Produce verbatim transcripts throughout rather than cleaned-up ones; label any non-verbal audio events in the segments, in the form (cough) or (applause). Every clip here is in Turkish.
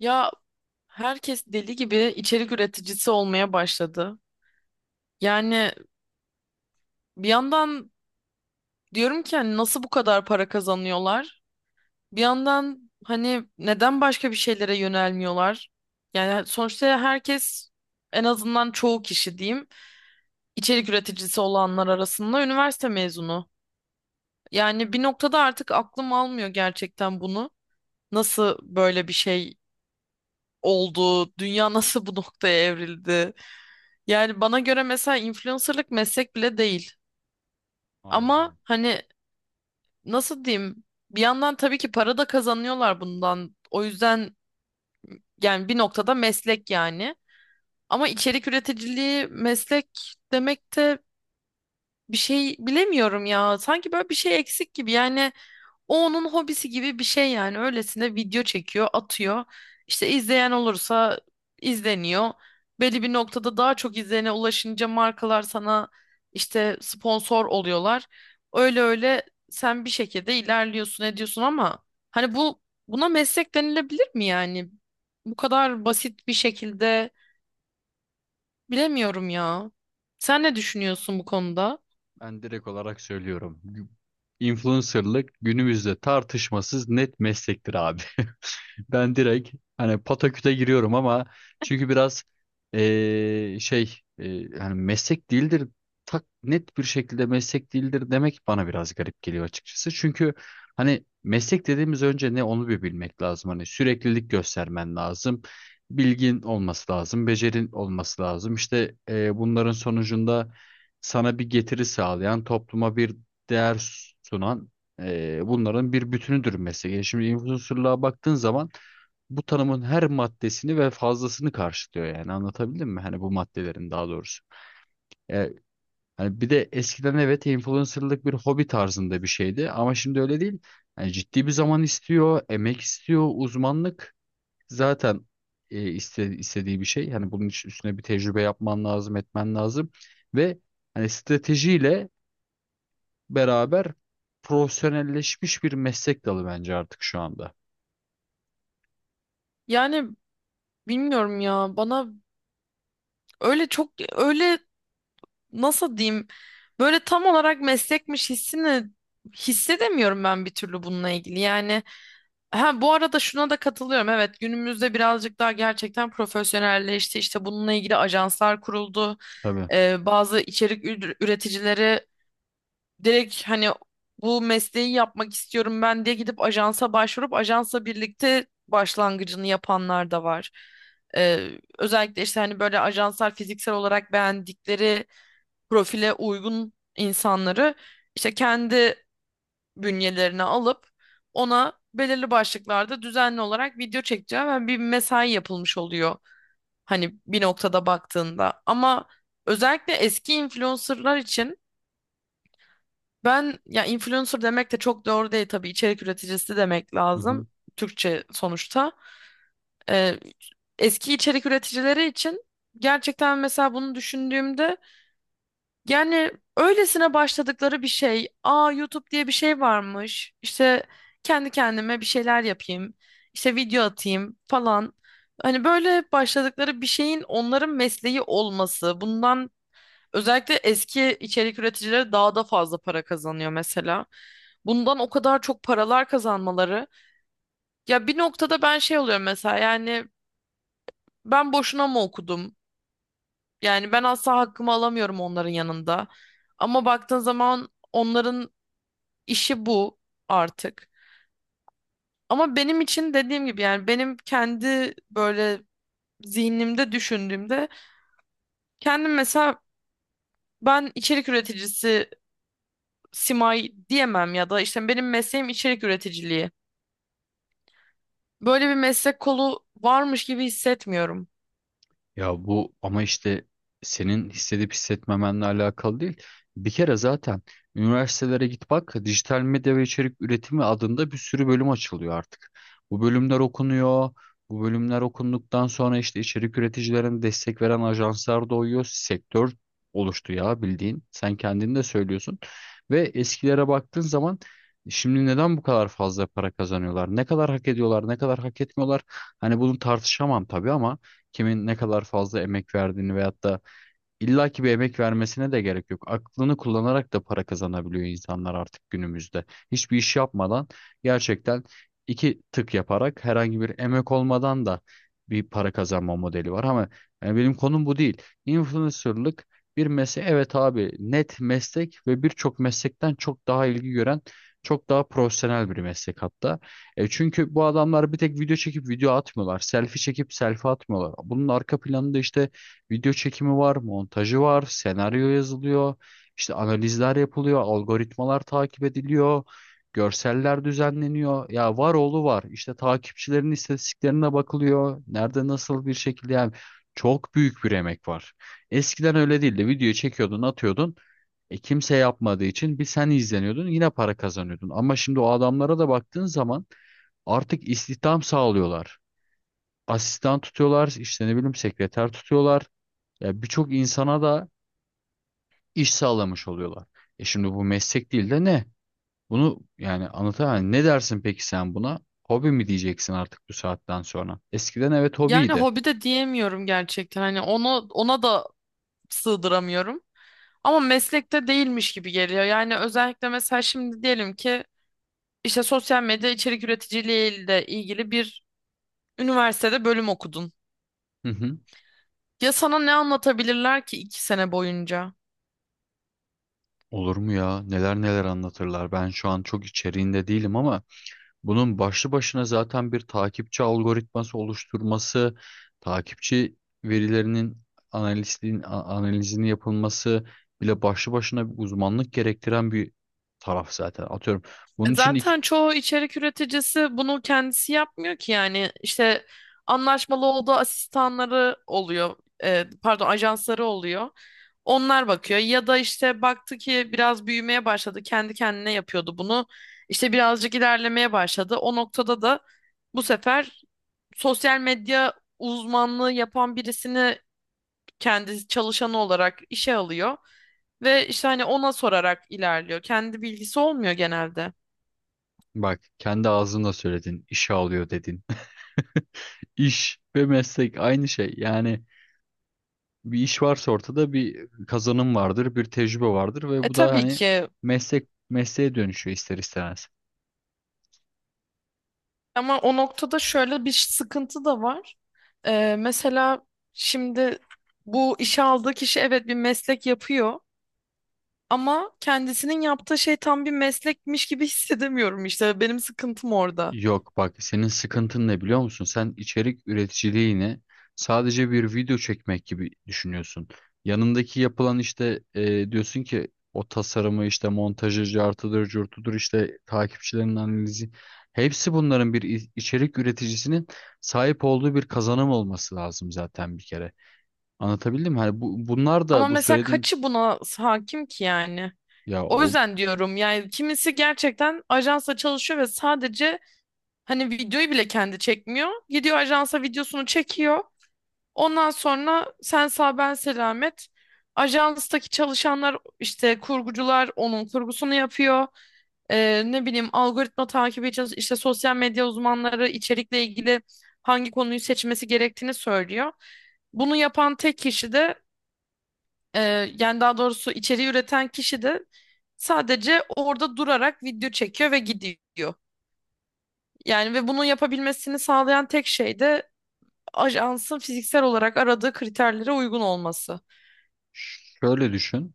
Ya, herkes deli gibi içerik üreticisi olmaya başladı. Yani bir yandan diyorum ki hani nasıl bu kadar para kazanıyorlar? Bir yandan hani neden başka bir şeylere yönelmiyorlar? Yani sonuçta herkes, en azından çoğu kişi diyeyim, içerik üreticisi olanlar arasında üniversite mezunu. Yani bir noktada artık aklım almıyor gerçekten bunu. Nasıl böyle bir şey oldu? Dünya (laughs) nasıl bu noktaya evrildi? Yani bana göre mesela influencerlık meslek bile değil. Hayda. Ama hani nasıl diyeyim? Bir yandan tabii ki para da kazanıyorlar bundan. O yüzden yani bir noktada meslek yani. Ama içerik üreticiliği meslek demek de bir şey, bilemiyorum ya. Sanki böyle bir şey eksik gibi. Yani o onun hobisi gibi bir şey yani. Öylesine video çekiyor, atıyor. İşte izleyen olursa izleniyor. Belli bir noktada daha çok izleyene ulaşınca markalar sana işte sponsor oluyorlar. Öyle öyle sen bir şekilde ilerliyorsun, ediyorsun ama hani bu buna meslek denilebilir mi yani? Bu kadar basit bir şekilde bilemiyorum ya. Sen ne düşünüyorsun bu konuda? Ben direkt olarak söylüyorum. Gü- Influencerlık günümüzde tartışmasız net meslektir abi. (laughs) Ben direkt hani pataküte giriyorum ama çünkü biraz eee, şey eee, hani meslek değildir tak net bir şekilde meslek değildir demek bana biraz garip geliyor açıkçası. Çünkü hani meslek dediğimiz önce ne onu bir bilmek lazım. Hani süreklilik göstermen lazım. Bilgin olması lazım, becerin olması lazım. İşte eee, bunların sonucunda sana bir getiri sağlayan, topluma bir değer sunan eee, bunların bir bütünüdür meslek. Yani şimdi influencerlığa baktığın zaman bu tanımın her maddesini ve fazlasını karşılıyor yani anlatabildim mi? Hani bu maddelerin daha doğrusu. E, hani bir de eskiden evet influencerlık bir hobi tarzında bir şeydi ama şimdi öyle değil. Yani ciddi bir zaman istiyor, emek istiyor, uzmanlık zaten e, iste- istediği bir şey. Hani bunun için üstüne bir tecrübe yapman lazım, etmen lazım ve hani stratejiyle beraber profesyonelleşmiş bir meslek dalı bence artık şu anda. Yani bilmiyorum ya, bana öyle çok öyle, nasıl diyeyim, böyle tam olarak meslekmiş hissini hissedemiyorum ben bir türlü bununla ilgili. Yani ha, bu arada şuna da katılıyorum. Evet, günümüzde birazcık daha gerçekten profesyonelleşti. İşte bununla ilgili ajanslar kuruldu. Tabii. Ee, bazı içerik ür- üreticileri direkt hani bu mesleği yapmak istiyorum ben diye gidip ajansa başvurup ajansla birlikte başlangıcını yapanlar da var. Ee, Özellikle işte hani böyle ajanslar fiziksel olarak beğendikleri profile uygun insanları işte kendi bünyelerine alıp ona belirli başlıklarda düzenli olarak video çekeceği ve bir mesai yapılmış oluyor. Hani bir noktada baktığında ama özellikle eski influencerlar için, ben ya influencer demek de çok doğru değil tabii, içerik üreticisi demek Hı lazım hı. Türkçe sonuçta. Ee, Eski içerik üreticileri için gerçekten mesela bunu düşündüğümde, yani öylesine başladıkları bir şey. Aa, YouTube diye bir şey varmış. İşte kendi kendime bir şeyler yapayım, işte video atayım falan. Hani böyle başladıkları bir şeyin onların mesleği olması, bundan, özellikle eski içerik üreticileri daha da fazla para kazanıyor mesela. Bundan o kadar çok paralar kazanmaları. Ya bir noktada ben şey oluyorum mesela yani ben boşuna mı okudum? Yani ben asla hakkımı alamıyorum onların yanında. Ama baktığın zaman onların işi bu artık. Ama benim için dediğim gibi yani, benim kendi böyle zihnimde düşündüğümde, kendim mesela ben içerik üreticisi Simay diyemem ya da işte benim mesleğim içerik üreticiliği. Böyle bir meslek kolu varmış gibi hissetmiyorum. Ya bu ama işte senin hissedip hissetmemenle alakalı değil. Bir kere zaten üniversitelere git bak dijital medya ve içerik üretimi adında bir sürü bölüm açılıyor artık. Bu bölümler okunuyor. Bu bölümler okunduktan sonra işte içerik üreticilerine destek veren ajanslar doğuyor. Sektör oluştu ya bildiğin. Sen kendin de söylüyorsun. Ve eskilere baktığın zaman şimdi neden bu kadar fazla para kazanıyorlar? Ne kadar hak ediyorlar, ne kadar hak etmiyorlar? Hani bunu tartışamam tabii ama kimin ne kadar fazla emek verdiğini veyahut da İlla ki bir emek vermesine de gerek yok. Aklını kullanarak da para kazanabiliyor insanlar artık günümüzde. Hiçbir iş yapmadan gerçekten iki tık yaparak herhangi bir emek olmadan da bir para kazanma modeli var. Ama yani benim konum bu değil. Influencerlık bir meslek. Evet abi net meslek ve birçok meslekten çok daha ilgi gören çok daha profesyonel bir meslek hatta. E çünkü bu adamlar bir tek video çekip video atmıyorlar. Selfie çekip selfie atmıyorlar. Bunun arka planında işte video çekimi var, montajı var, senaryo yazılıyor, işte analizler yapılıyor, algoritmalar takip ediliyor, görseller düzenleniyor. Ya var oğlu var. İşte takipçilerin istatistiklerine bakılıyor. Nerede nasıl bir şekilde yani çok büyük bir emek var. Eskiden öyle değildi. Videoyu çekiyordun, atıyordun. E, kimse yapmadığı için bir sen izleniyordun, yine para kazanıyordun. Ama şimdi o adamlara da baktığın zaman artık istihdam sağlıyorlar. Asistan tutuyorlar, işte ne bileyim sekreter tutuyorlar. Ya birçok insana da iş sağlamış oluyorlar. E şimdi bu meslek değil de ne? Bunu yani anlatamam. Ne dersin peki sen buna? Hobi mi diyeceksin artık bu saatten sonra? Eskiden evet Yani hobiydi. hobi de diyemiyorum gerçekten. Hani onu, ona da sığdıramıyorum. Ama meslekte değilmiş gibi geliyor. Yani özellikle mesela şimdi diyelim ki işte sosyal medya içerik üreticiliği ile ilgili bir üniversitede bölüm okudun. Hı hı. Ya sana ne anlatabilirler ki iki sene boyunca? Olur mu ya? Neler neler anlatırlar. Ben şu an çok içeriğinde değilim ama bunun başlı başına zaten bir takipçi algoritması oluşturması, takipçi verilerinin analistliğin a- analizini yapılması bile başlı başına bir uzmanlık gerektiren bir taraf zaten. Atıyorum. Bunun için ilk Zaten çoğu içerik üreticisi bunu kendisi yapmıyor ki yani, işte anlaşmalı olduğu asistanları oluyor, e, pardon, ajansları oluyor, onlar bakıyor ya da işte baktı ki biraz büyümeye başladı, kendi kendine yapıyordu bunu, işte birazcık ilerlemeye başladı, o noktada da bu sefer sosyal medya uzmanlığı yapan birisini kendi çalışanı olarak işe alıyor ve işte hani ona sorarak ilerliyor, kendi bilgisi olmuyor genelde. bak kendi ağzınla söyledin, işe alıyor dedin. (laughs) İş ve meslek aynı şey. Yani bir iş varsa ortada bir kazanım vardır, bir tecrübe vardır ve E bu da tabii hani ki, meslek mesleğe dönüşüyor ister istemez. ama o noktada şöyle bir sıkıntı da var. E, mesela şimdi bu işe aldığı kişi evet bir meslek yapıyor ama kendisinin yaptığı şey tam bir meslekmiş gibi (laughs) hissedemiyorum, işte benim sıkıntım orada. Yok bak senin sıkıntın ne biliyor musun? Sen içerik üreticiliğini sadece bir video çekmek gibi düşünüyorsun. Yanındaki yapılan işte e, diyorsun ki o tasarımı işte montajı cartıdır curtudur işte takipçilerin analizi hepsi bunların bir i- içerik üreticisinin sahip olduğu bir kazanım olması lazım zaten bir kere. Anlatabildim mi? Hani bu, bunlar Ama da bu mesela söylediğin kaçı buna hakim ki yani? ya O o yüzden diyorum yani, kimisi gerçekten ajansa çalışıyor ve sadece hani videoyu bile kendi çekmiyor. Gidiyor ajansa videosunu çekiyor. Ondan sonra sen sağ, ben selamet. Ajanstaki çalışanlar işte kurgucular onun kurgusunu yapıyor. Ee, ne bileyim algoritma takibi için işte sosyal medya uzmanları içerikle ilgili hangi konuyu seçmesi gerektiğini söylüyor. Bunu yapan tek kişi de, e, yani daha doğrusu içeriği üreten kişi de sadece orada durarak video çekiyor ve gidiyor. Yani ve bunu yapabilmesini sağlayan tek şey de ajansın fiziksel olarak aradığı kriterlere uygun olması. şöyle düşün.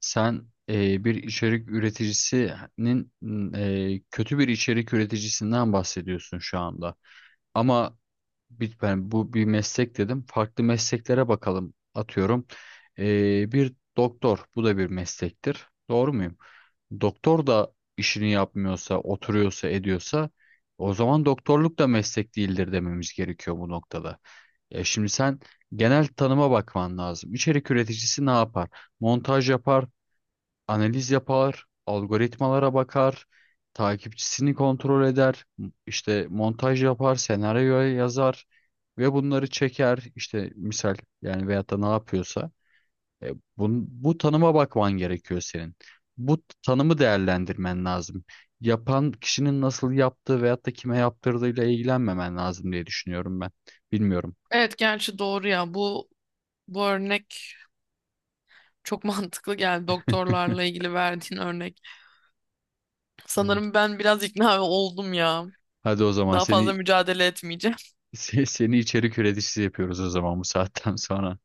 Sen e, bir içerik üreticisinin e, kötü bir içerik üreticisinden bahsediyorsun şu anda. Ama bir, ben bu bir meslek dedim. Farklı mesleklere bakalım. Atıyorum e, bir doktor. Bu da bir meslektir. Doğru muyum? Doktor da işini yapmıyorsa, oturuyorsa, ediyorsa o zaman doktorluk da meslek değildir dememiz gerekiyor bu noktada. E, şimdi sen genel tanıma bakman lazım. İçerik üreticisi ne yapar? Montaj yapar, analiz yapar, algoritmalara bakar, takipçisini kontrol eder, m- işte montaj yapar, senaryo yazar ve bunları çeker. İşte misal yani veyahut da ne yapıyorsa. E, bun- bu tanıma bakman gerekiyor senin. Bu tanımı değerlendirmen lazım. Yapan kişinin nasıl yaptığı veyahut da kime yaptırdığıyla ilgilenmemen lazım diye düşünüyorum ben. Bilmiyorum. Evet, gerçi doğru ya. Bu bu örnek çok (laughs) mantıklı geldi, doktorlarla ilgili verdiğin örnek. Yani Sanırım ben biraz ikna oldum ya. hadi o zaman Daha fazla seni mücadele etmeyeceğim. (laughs) se- seni içerik üreticisi yapıyoruz o zaman bu saatten sonra.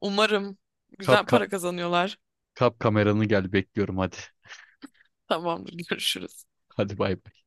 Umarım güzel Kap para kazanıyorlar. Kap kameranı gel bekliyorum hadi. Tamamdır, görüşürüz. Hadi bay bay.